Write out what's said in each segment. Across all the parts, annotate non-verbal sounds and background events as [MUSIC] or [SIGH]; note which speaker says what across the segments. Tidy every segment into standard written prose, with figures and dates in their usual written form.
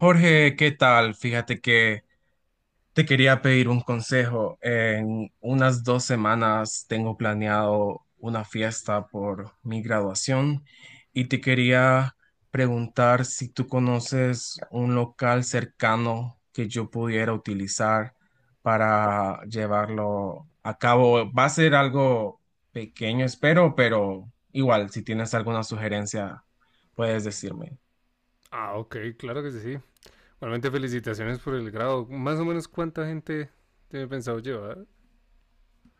Speaker 1: Jorge, ¿qué tal? Fíjate que te quería pedir un consejo. En unas 2 semanas tengo planeado una fiesta por mi graduación y te quería preguntar si tú conoces un local cercano que yo pudiera utilizar para llevarlo a cabo. Va a ser algo pequeño, espero, pero igual, si tienes alguna sugerencia, puedes decirme.
Speaker 2: Ah, ok, claro que sí, sí. Igualmente felicitaciones por el grado. Más o menos cuánta gente tiene pensado llevar.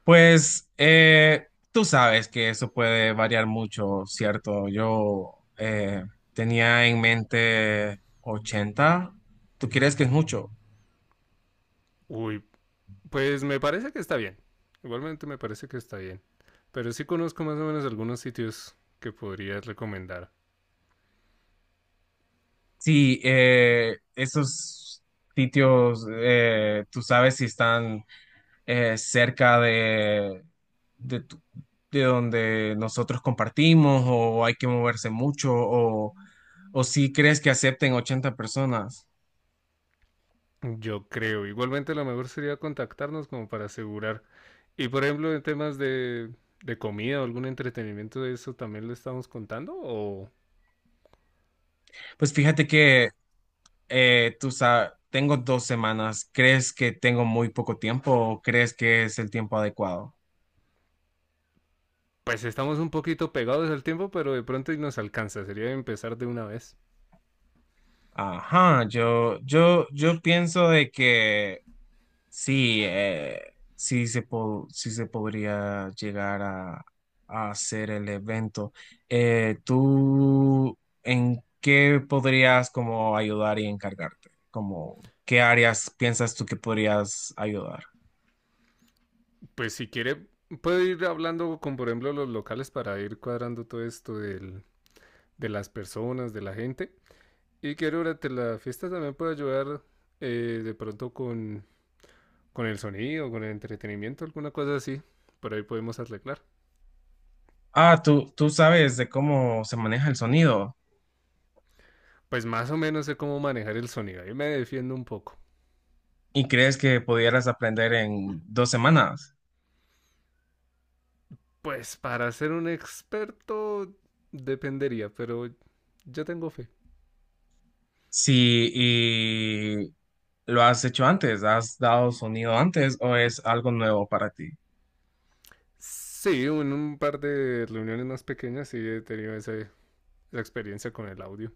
Speaker 1: Pues tú sabes que eso puede variar mucho, ¿cierto? Yo tenía en mente 80. ¿Tú crees que es mucho?
Speaker 2: Uy, pues me parece que está bien. Igualmente me parece que está bien. Pero sí conozco más o menos algunos sitios que podrías recomendar.
Speaker 1: Sí, esos sitios, tú sabes si están cerca de, tu- de donde nosotros compartimos o hay que moverse mucho o si crees que acepten 80 personas.
Speaker 2: Yo creo. Igualmente lo mejor sería contactarnos como para asegurar. Y por ejemplo, en temas de comida o algún entretenimiento de eso, ¿también lo estamos contando? O
Speaker 1: Pues fíjate que tú sabes, tengo 2 semanas. ¿Crees que tengo muy poco tiempo o crees que es el tiempo adecuado?
Speaker 2: pues estamos un poquito pegados al tiempo, pero de pronto y nos alcanza. Sería empezar de una vez.
Speaker 1: Ajá, yo pienso de que sí, sí se podría llegar a hacer el evento. ¿Tú en qué podrías como ayudar y encargarte? Como, ¿qué áreas piensas tú que podrías ayudar?
Speaker 2: Pues si quiere, puede ir hablando con, por ejemplo, los locales para ir cuadrando todo esto de las personas, de la gente. Y que durante la fiesta también puede ayudar de pronto con el sonido, con el entretenimiento, alguna cosa así. Por ahí podemos arreglar.
Speaker 1: Ah, tú sabes de cómo se maneja el sonido
Speaker 2: Pues más o menos sé cómo manejar el sonido. Ahí me defiendo un poco.
Speaker 1: y crees que pudieras aprender en 2 semanas.
Speaker 2: Pues para ser un experto dependería, pero yo tengo fe.
Speaker 1: Sí, y lo has hecho antes, has dado sonido antes o es algo nuevo para ti.
Speaker 2: Sí, en un par de reuniones más pequeñas sí he tenido esa experiencia con el audio.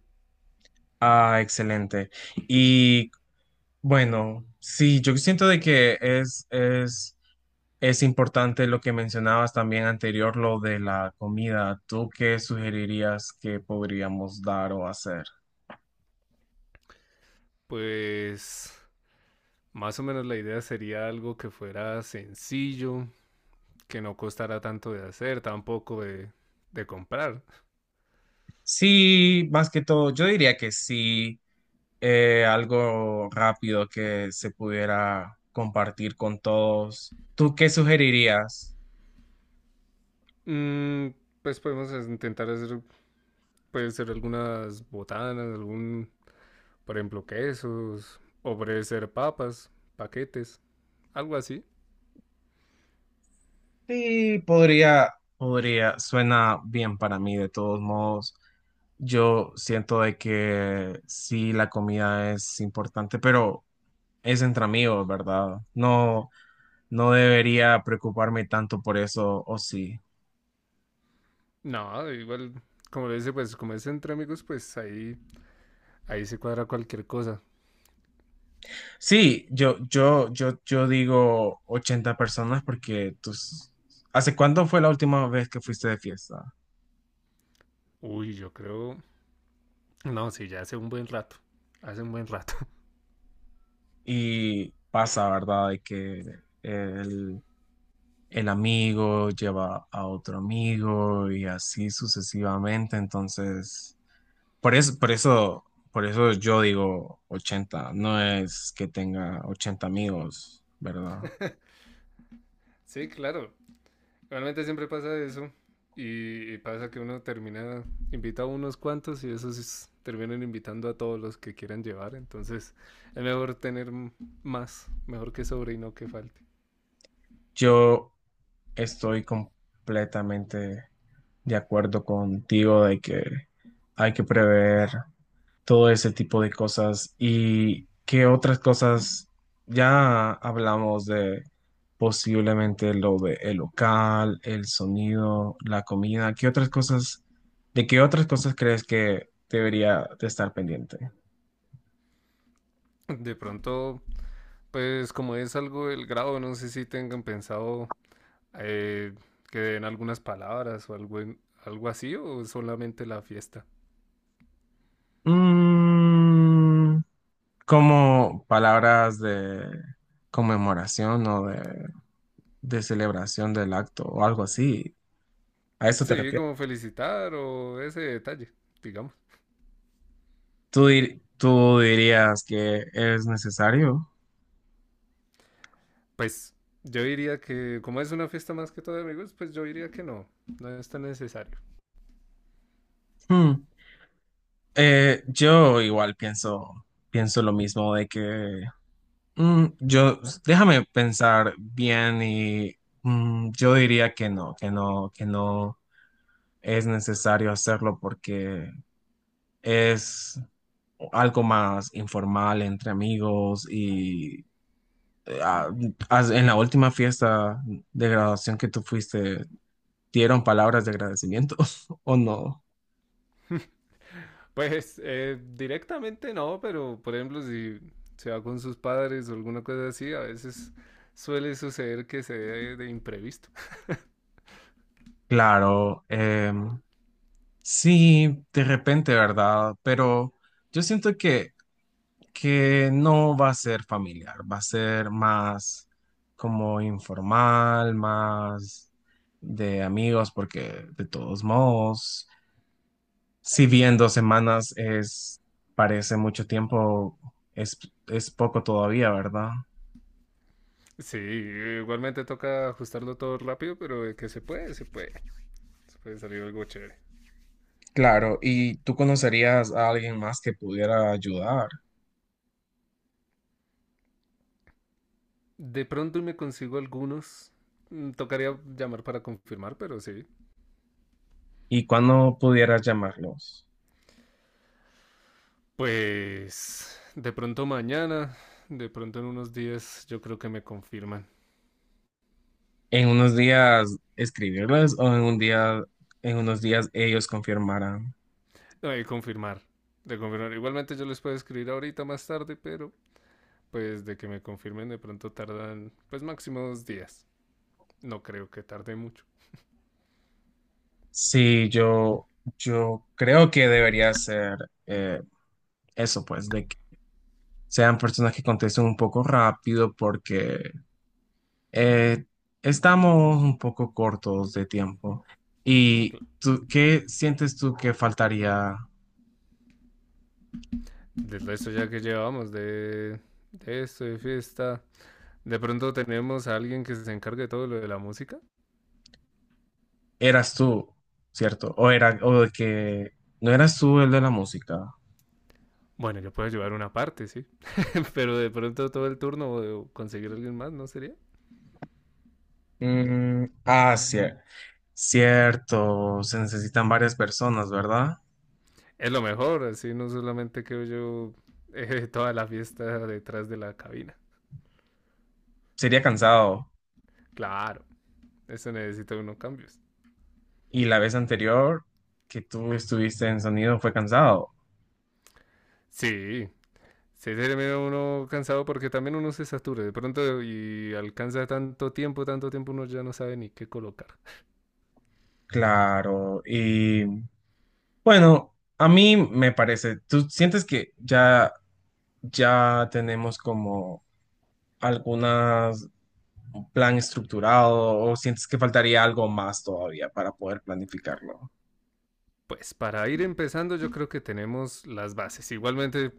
Speaker 1: Ah, excelente. Y bueno, sí, yo siento de que es importante lo que mencionabas también anterior, lo de la comida. ¿Tú qué sugerirías que podríamos dar o hacer?
Speaker 2: Pues más o menos la idea sería algo que fuera sencillo, que no costara tanto de hacer, tampoco de comprar.
Speaker 1: Sí, más que todo, yo diría que sí algo rápido que se pudiera compartir con todos. ¿Tú qué sugerirías?
Speaker 2: Mm, pues podemos intentar hacer, puede ser algunas botanas, algún, por ejemplo, quesos, o puede ser papas, paquetes, algo así.
Speaker 1: Sí, podría, suena bien para mí de todos modos. Yo siento de que sí, la comida es importante, pero es entre amigos, ¿verdad? No, no debería preocuparme tanto por eso, o sí.
Speaker 2: No, igual, como le dice, pues como es entre amigos, pues ahí, ahí se cuadra cualquier cosa.
Speaker 1: Sí, yo digo 80 personas. ¿Hace cuándo fue la última vez que fuiste de fiesta?
Speaker 2: Uy, yo creo, no, sí, ya hace un buen rato, hace un buen rato.
Speaker 1: Y pasa, ¿verdad? De que el, el amigo lleva a otro amigo y así sucesivamente. Entonces, por eso, por eso, por eso yo digo 80. No es que tenga 80 amigos, ¿verdad?
Speaker 2: Sí, claro, realmente siempre pasa eso. Y pasa que uno termina, invita a unos cuantos y terminan invitando a todos los que quieran llevar. Entonces es mejor más, mejor que sobre y no que falte.
Speaker 1: Yo estoy completamente de acuerdo contigo de que hay que prever todo ese tipo de cosas y qué otras cosas ya hablamos de posiblemente lo de el local, el sonido, la comida, qué otras cosas, de qué otras cosas crees que debería de estar pendiente.
Speaker 2: De pronto, pues como es algo del grado, no sé si tengan pensado eh, que den algunas palabras o algo, algo así o solamente la fiesta.
Speaker 1: Mm, Como palabras de conmemoración o de celebración del acto o algo así. ¿A eso te
Speaker 2: Sí,
Speaker 1: refieres?
Speaker 2: como felicitar o ese detalle, digamos.
Speaker 1: ¿Tú dirías que es necesario?
Speaker 2: Pues yo diría que, como es una fiesta más que todo de amigos, pues yo diría que no, no es tan necesario.
Speaker 1: Hmm. Yo igual pienso lo mismo de que mm, yo, déjame pensar bien y yo diría que no es necesario hacerlo porque es algo más informal entre amigos y eh, ah, en la última fiesta de graduación que tú fuiste, ¿dieron palabras de agradecimiento [LAUGHS] o no?
Speaker 2: Pues directamente no, pero por ejemplo, si se va con sus padres o alguna cosa así, a veces suele suceder que se dé de imprevisto. [LAUGHS]
Speaker 1: Claro, sí, de repente, ¿verdad? Pero yo siento que no va a ser familiar, va a ser más como informal, más de amigos, porque de todos modos. Si bien 2 semanas parece mucho tiempo, es, es poco todavía, ¿verdad?
Speaker 2: Sí, igualmente toca ajustarlo todo rápido, pero de que se puede, se puede. Se puede salir algo chévere.
Speaker 1: Claro, ¿y tú conocerías a alguien más que pudiera ayudar?
Speaker 2: De pronto me consigo algunos. Tocaría llamar para confirmar, pero sí,
Speaker 1: ¿Y cuándo pudieras llamarlos?
Speaker 2: pues de pronto mañana, de pronto en unos días, yo creo que me confirman.
Speaker 1: En unos días escribirles o en un día, en unos días ellos confirmarán.
Speaker 2: No, de confirmar, de confirmar. Igualmente yo les puedo escribir ahorita más tarde, pero pues de que me confirmen de pronto tardan pues máximo 2 días. No creo que tarde mucho.
Speaker 1: Sí, yo creo que debería ser eh, eso, pues, de que sean personas que contesten un poco rápido porque Eh, estamos un poco cortos de tiempo. ¿Y tú, qué sientes tú que faltaría?
Speaker 2: Del resto ya que llevamos de esto, de fiesta, de pronto tenemos a alguien que se encargue de todo lo de la música.
Speaker 1: ¿Eras tú, cierto? ¿O de que no eras tú el de la música?
Speaker 2: Bueno, yo puedo llevar una parte, sí. [LAUGHS] pero de pronto todo el turno o conseguir a alguien más, ¿no sería?
Speaker 1: Mm, ah, cier- Cierto. Se necesitan varias personas, ¿verdad?
Speaker 2: Es lo mejor, así no solamente creo yo [LAUGHS] toda la fiesta detrás de la cabina.
Speaker 1: Sería cansado.
Speaker 2: Claro, eso necesita unos cambios.
Speaker 1: Y la vez anterior que tú estuviste en sonido fue cansado.
Speaker 2: Sí, se termina uno cansado porque también uno se satura de pronto y alcanza tanto tiempo uno ya no sabe ni qué colocar.
Speaker 1: Claro. Y bueno, a mí me parece, ¿tú sientes que ya tenemos como algunas un plan estructurado o sientes que faltaría algo más todavía para poder planificarlo?
Speaker 2: Pues para ir empezando yo creo que tenemos las bases. Igualmente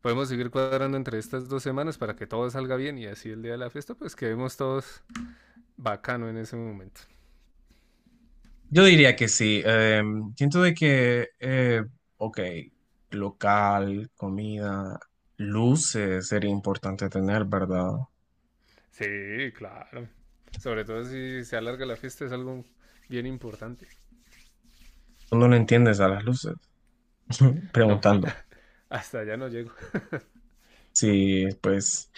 Speaker 2: podemos seguir cuadrando entre estas 2 semanas para que todo salga bien y así el día de la fiesta pues quedemos todos bacano en ese momento.
Speaker 1: Yo diría que sí. Siento de que, ok, local, comida, luces sería importante tener, ¿verdad?
Speaker 2: Sí, claro. Sobre todo si se alarga la fiesta es algo bien importante.
Speaker 1: Tú no le entiendes a las luces, [LAUGHS]
Speaker 2: No,
Speaker 1: preguntando.
Speaker 2: hasta allá no llego.
Speaker 1: Sí, pues,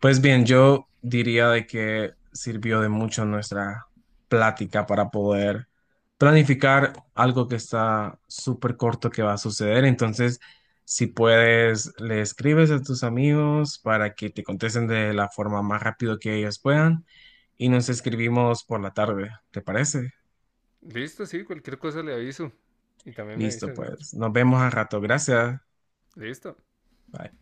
Speaker 1: pues bien, yo diría de que sirvió de mucho nuestra plática para poder planificar algo que está súper corto que va a suceder. Entonces, si puedes, le escribes a tus amigos para que te contesten de la forma más rápido que ellos puedan y nos escribimos por la tarde, ¿te parece?
Speaker 2: Listo, sí, cualquier cosa le aviso. Y también me
Speaker 1: Listo,
Speaker 2: avisas, de hecho.
Speaker 1: pues, nos vemos al rato. Gracias.
Speaker 2: Listo.
Speaker 1: Bye.